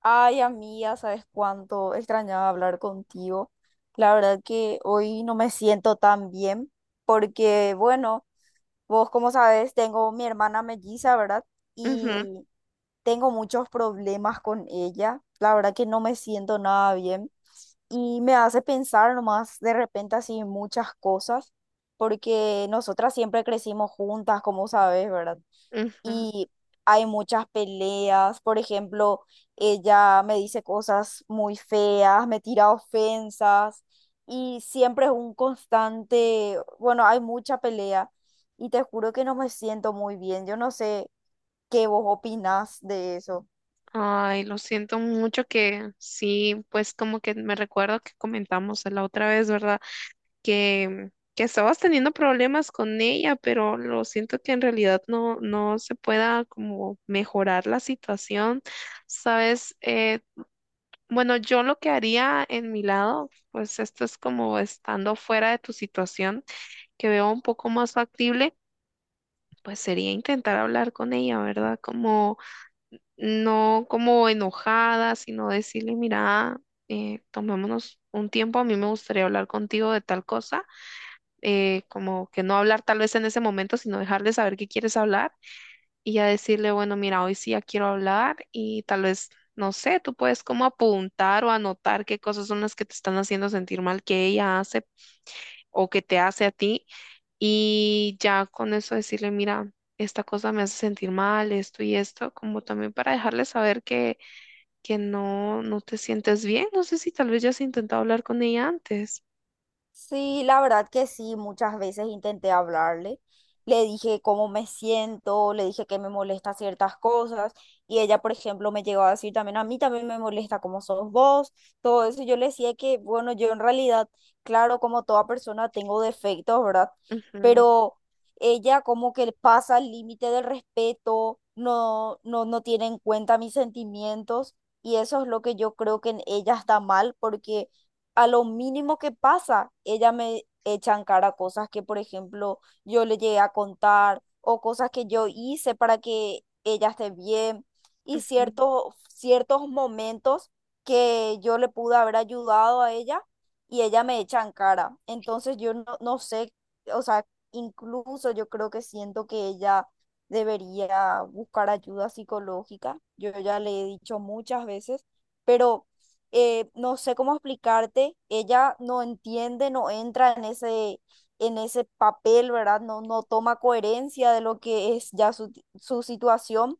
Ay, amiga, ¿sabes cuánto extrañaba hablar contigo? La verdad que hoy no me siento tan bien porque, bueno, vos como sabes, tengo mi hermana melliza, ¿verdad? Ujú, Y tengo muchos problemas con ella. La verdad que no me siento nada bien y me hace pensar nomás de repente así muchas cosas porque nosotras siempre crecimos juntas, como sabes, ¿verdad? ujú. Y hay muchas peleas. Por ejemplo, ella me dice cosas muy feas, me tira ofensas y siempre es un constante, bueno, hay mucha pelea y te juro que no me siento muy bien. Yo no sé qué vos opinás de eso. Ay, lo siento mucho que sí, pues como que me recuerdo que comentamos la otra vez, ¿verdad? Que estabas teniendo problemas con ella, pero lo siento que en realidad no se pueda como mejorar la situación, ¿sabes? Bueno, yo lo que haría en mi lado, pues esto es como estando fuera de tu situación, que veo un poco más factible, pues sería intentar hablar con ella, ¿verdad? Como no como enojada, sino decirle, mira, tomémonos un tiempo, a mí me gustaría hablar contigo de tal cosa, como que no hablar tal vez en ese momento, sino dejarle saber que quieres hablar y ya decirle, bueno, mira, hoy sí ya quiero hablar y tal vez, no sé, tú puedes como apuntar o anotar qué cosas son las que te están haciendo sentir mal que ella hace o que te hace a ti y ya con eso decirle, mira. Esta cosa me hace sentir mal, esto y esto, como también para dejarle saber que, que no te sientes bien. No sé si tal vez ya has intentado hablar con ella antes. Sí, la verdad que sí, muchas veces intenté hablarle. Le dije cómo me siento, le dije que me molesta ciertas cosas y ella, por ejemplo, me llegó a decir también, a mí también me molesta cómo sos vos, todo eso. Yo le decía que, bueno, yo en realidad, claro, como toda persona tengo defectos, ¿verdad? Ujú, Pero ella como que pasa el límite del respeto, no tiene en cuenta mis sentimientos y eso es lo que yo creo que en ella está mal porque a lo mínimo que pasa, ella me echa en cara cosas que, por ejemplo, yo le llegué a contar o cosas que yo hice para que ella esté bien y ujú, ciertos momentos que yo le pude haber ayudado a ella y ella me echa en cara. Entonces yo no sé, o sea, incluso yo creo que siento que ella debería buscar ayuda psicológica. Yo ya le he dicho muchas veces, pero no sé cómo explicarte, ella no entiende, no entra en ese papel, ¿verdad? No, no toma coherencia de lo que es ya su situación.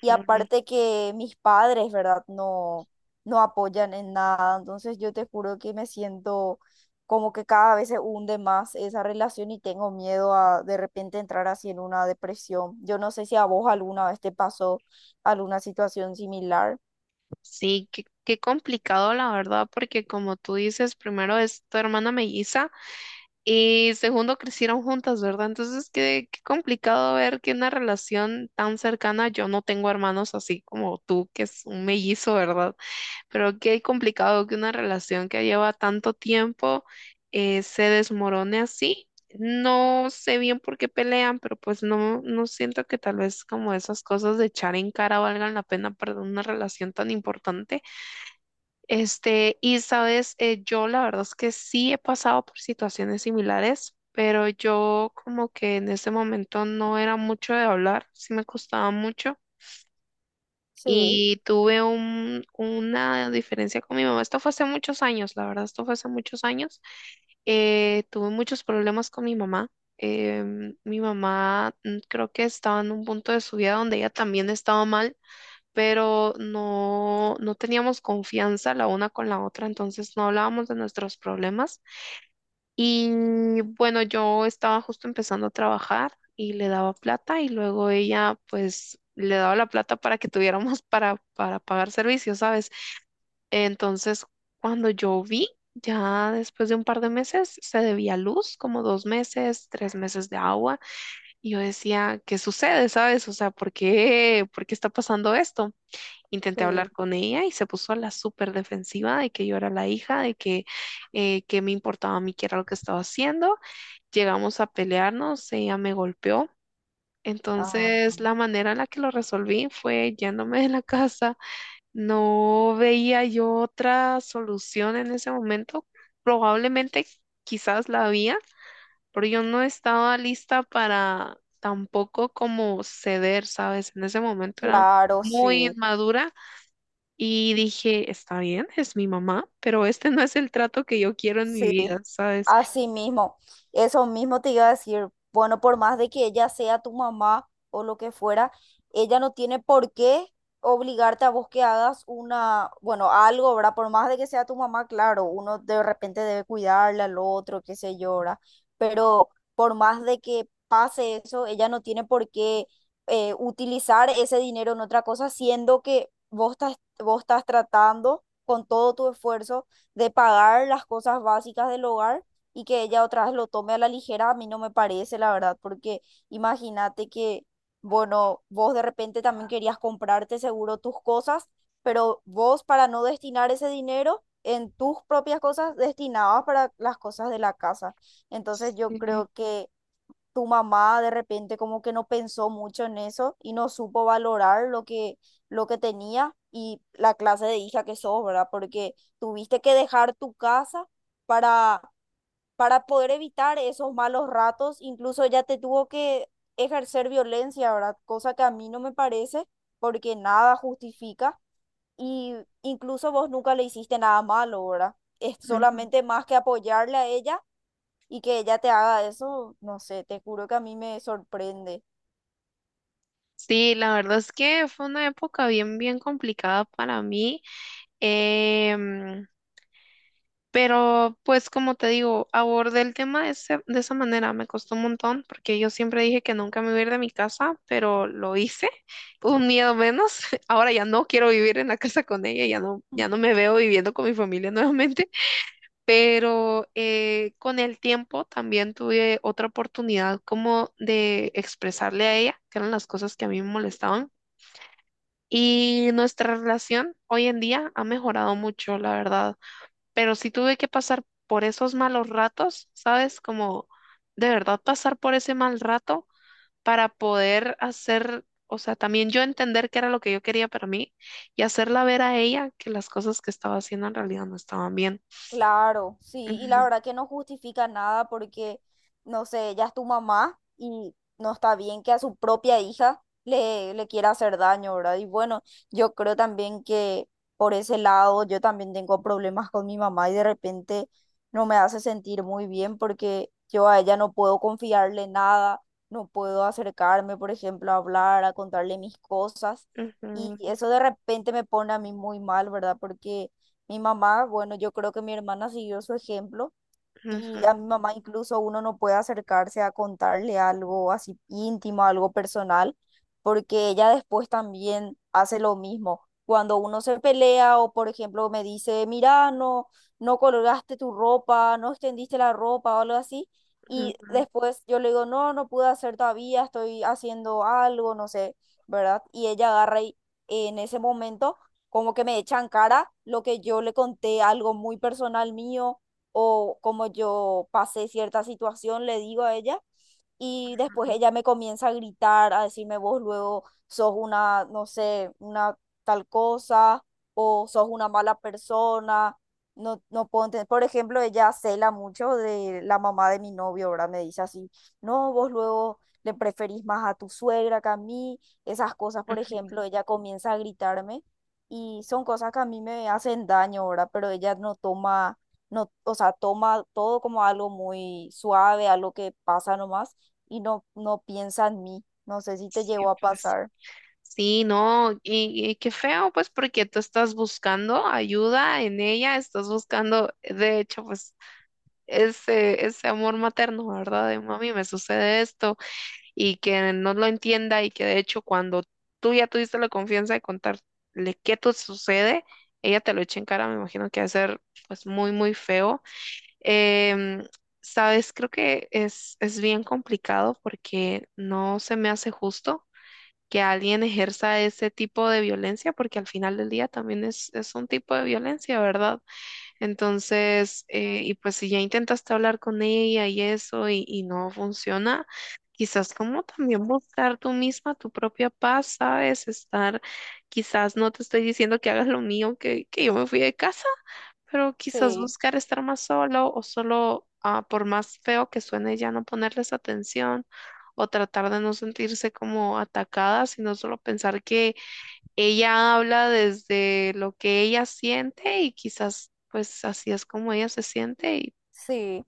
Y aparte que mis padres, ¿verdad? No, no apoyan en nada. Entonces yo te juro que me siento como que cada vez se hunde más esa relación y tengo miedo a de repente entrar así en una depresión. Yo no sé si a vos alguna vez te pasó alguna situación similar. Sí, qué complicado la verdad, porque como tú dices, primero es tu hermana melliza y segundo crecieron juntas, ¿verdad? Entonces, qué complicado ver que una relación tan cercana, yo no tengo hermanos así como tú, que es un mellizo, ¿verdad? Creo que es complicado que una relación que lleva tanto tiempo se desmorone así. No sé bien por qué pelean, pero pues no siento que tal vez como esas cosas de echar en cara valgan la pena para una relación tan importante. Este, y sabes, Yo la verdad es que sí he pasado por situaciones similares, pero yo como que en ese momento no era mucho de hablar, sí me costaba mucho. Sí, Y tuve una diferencia con mi mamá. Esto fue hace muchos años, la verdad, esto fue hace muchos años. Tuve muchos problemas con mi mamá. Mi mamá creo que estaba en un punto de su vida donde ella también estaba mal, pero no teníamos confianza la una con la otra, entonces no hablábamos de nuestros problemas. Y bueno, yo estaba justo empezando a trabajar y le daba plata y luego ella pues le daba la plata para que tuviéramos para pagar servicios, ¿sabes? Entonces, cuando yo vi, ya después de un par de meses, se debía luz, como dos meses, tres meses de agua, y yo decía, ¿qué sucede?, ¿sabes? O sea, ¿por qué está pasando esto? Intenté sí. hablar con ella y se puso a la súper defensiva de que yo era la hija, que me importaba a mí qué era lo que estaba haciendo. Llegamos a pelearnos, ella me golpeó. Ajá. Entonces, la manera en la que lo resolví fue yéndome de la casa. No veía yo otra solución en ese momento. Probablemente quizás la había, pero yo no estaba lista para tampoco como ceder, ¿sabes? En ese momento era Claro, muy sí, inmadura y dije, está bien, es mi mamá, pero este no es el trato que yo quiero en mi sí, vida, ¿sabes? así mismo. Eso mismo te iba a decir. Bueno, por más de que ella sea tu mamá o lo que fuera, ella no tiene por qué obligarte a vos que hagas una, bueno, algo, ¿verdad? Por más de que sea tu mamá, claro, uno de repente debe cuidarle al otro, qué sé yo, ¿verdad? Pero por más de que pase eso, ella no tiene por qué utilizar ese dinero en otra cosa, siendo que vos estás tratando con todo tu esfuerzo de pagar las cosas básicas del hogar y que ella otra vez lo tome a la ligera, a mí no me parece, la verdad, porque imagínate que, bueno, vos de repente también querías comprarte seguro tus cosas, pero vos para no destinar ese dinero en tus propias cosas, destinabas para las cosas de la casa. Entonces yo Sí. creo que tu mamá de repente como que no pensó mucho en eso y no supo valorar lo que tenía y la clase de hija que sos, ¿verdad? Porque tuviste que dejar tu casa para, para poder evitar esos malos ratos, incluso ya te tuvo que ejercer violencia, ¿verdad? Cosa que a mí no me parece porque nada justifica y incluso vos nunca le hiciste nada malo, ¿verdad? Es solamente más que apoyarle a ella y que ella te haga eso, no sé, te juro que a mí me sorprende. Sí, la verdad es que fue una época bien, bien complicada para mí, em, pero pues como te digo, abordé el tema de esa manera, me costó un montón porque yo siempre dije que nunca me iba a ir de mi casa, pero lo hice, un miedo menos, ahora ya no quiero vivir en la casa con ella, ya no, ya no me veo viviendo con mi familia nuevamente, pero con el tiempo también tuve otra oportunidad como de expresarle a ella que eran las cosas que a mí me molestaban. Y nuestra relación hoy en día ha mejorado mucho, la verdad. Pero sí tuve que pasar por esos malos ratos, ¿sabes? Como de verdad pasar por ese mal rato para poder hacer, o sea, también yo entender qué era lo que yo quería para mí y hacerla ver a ella que las cosas que estaba haciendo en realidad no estaban bien. Claro, sí, y Ujú, la verdad que no justifica nada porque, no sé, ya es tu mamá y no está bien que a su propia hija le quiera hacer daño, ¿verdad? Y bueno, yo creo también que por ese lado yo también tengo problemas con mi mamá y de repente no me hace sentir muy bien porque yo a ella no puedo confiarle nada, no puedo acercarme, por ejemplo, a hablar, a contarle mis cosas y ujú, eso de repente me pone a mí muy mal, ¿verdad? Porque mi mamá, bueno, yo creo que mi hermana siguió su ejemplo. ujú, Y a mi mamá incluso uno no puede acercarse a contarle algo así íntimo, algo personal, porque ella después también hace lo mismo. Cuando uno se pelea o, por ejemplo, me dice, mira, no, no colgaste tu ropa, no extendiste la ropa o algo así, y ujú, después yo le digo, no, no pude hacer todavía, estoy haciendo algo, no sé, ¿verdad? Y ella agarra y en ese momento como que me echa en cara lo que yo le conté, algo muy personal mío o como yo pasé cierta situación, le digo a ella y después ella me comienza a gritar, a decirme vos luego sos una, no sé, una tal cosa o sos una mala persona. No, no puedo entender. Por ejemplo, ella cela mucho de la mamá de mi novio, ¿verdad? Me dice así, no, vos luego le preferís más a tu suegra que a mí. Esas cosas, por ujú. ejemplo, ella comienza a gritarme y son cosas que a mí me hacen daño, ¿verdad? Pero ella no toma, no, o sea, toma todo como algo muy suave, algo que pasa nomás y no, no piensa en mí. No sé si te Sí, llegó a pues. pasar. Sí, no, y qué feo, pues, porque tú estás buscando ayuda en ella, estás buscando, de hecho, pues, ese amor materno, ¿verdad? De mami, me sucede esto, y que no lo entienda, y que de hecho, cuando tú ya tuviste la confianza de contarle qué te sucede, ella te lo echa en cara, me imagino que va a ser, pues, muy, muy feo. Em, sabes, creo que es bien complicado porque no se me hace justo que alguien ejerza ese tipo de violencia, porque al final del día también es un tipo de violencia, ¿verdad? Entonces, y pues si ya intentaste hablar con ella y eso y no funciona, quizás como también buscar tú misma tu propia paz, ¿sabes? Estar, quizás no te estoy diciendo que hagas lo mío, que yo me fui de casa, pero quizás Sí, buscar estar más solo o solo, ah, por más feo que suene, ya no ponerles atención o tratar de no sentirse como atacada, sino solo pensar que ella habla desde lo que ella siente y quizás pues así es como ella se siente y sí.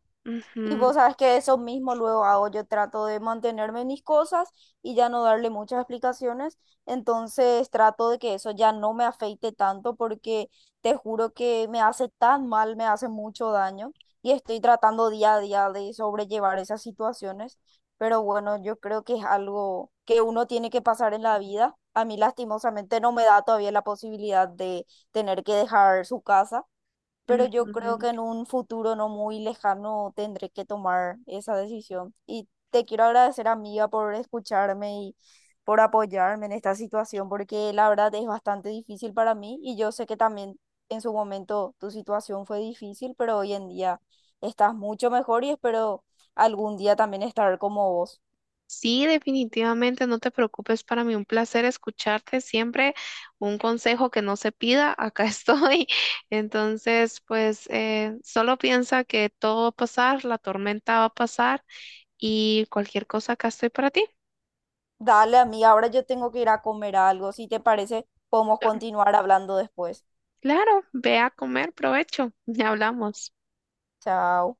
Y ujú, vos sabes que eso mismo luego hago, yo trato de mantenerme en mis cosas y ya no darle muchas explicaciones, entonces trato de que eso ya no me afeite tanto porque te juro que me hace tan mal, me hace mucho daño y estoy tratando día a día de sobrellevar esas situaciones, pero bueno, yo creo que es algo que uno tiene que pasar en la vida. A mí lastimosamente no me da todavía la posibilidad de tener que dejar su casa pero yo creo que ujú. en un futuro no muy lejano tendré que tomar esa decisión. Y te quiero agradecer, amiga, por escucharme y por apoyarme en esta situación, porque la verdad es bastante difícil para mí y yo sé que también en su momento tu situación fue difícil, pero hoy en día estás mucho mejor y espero algún día también estar como vos. Sí, definitivamente no te preocupes, para mí un placer escucharte siempre, un consejo que no se pida, acá estoy. Entonces, pues solo piensa que todo va a pasar, la tormenta va a pasar y cualquier cosa acá estoy para ti. Dale, amiga, ahora yo tengo que ir a comer algo. Si te parece, podemos continuar hablando después. Claro, ve a comer, provecho, ya hablamos. Chao.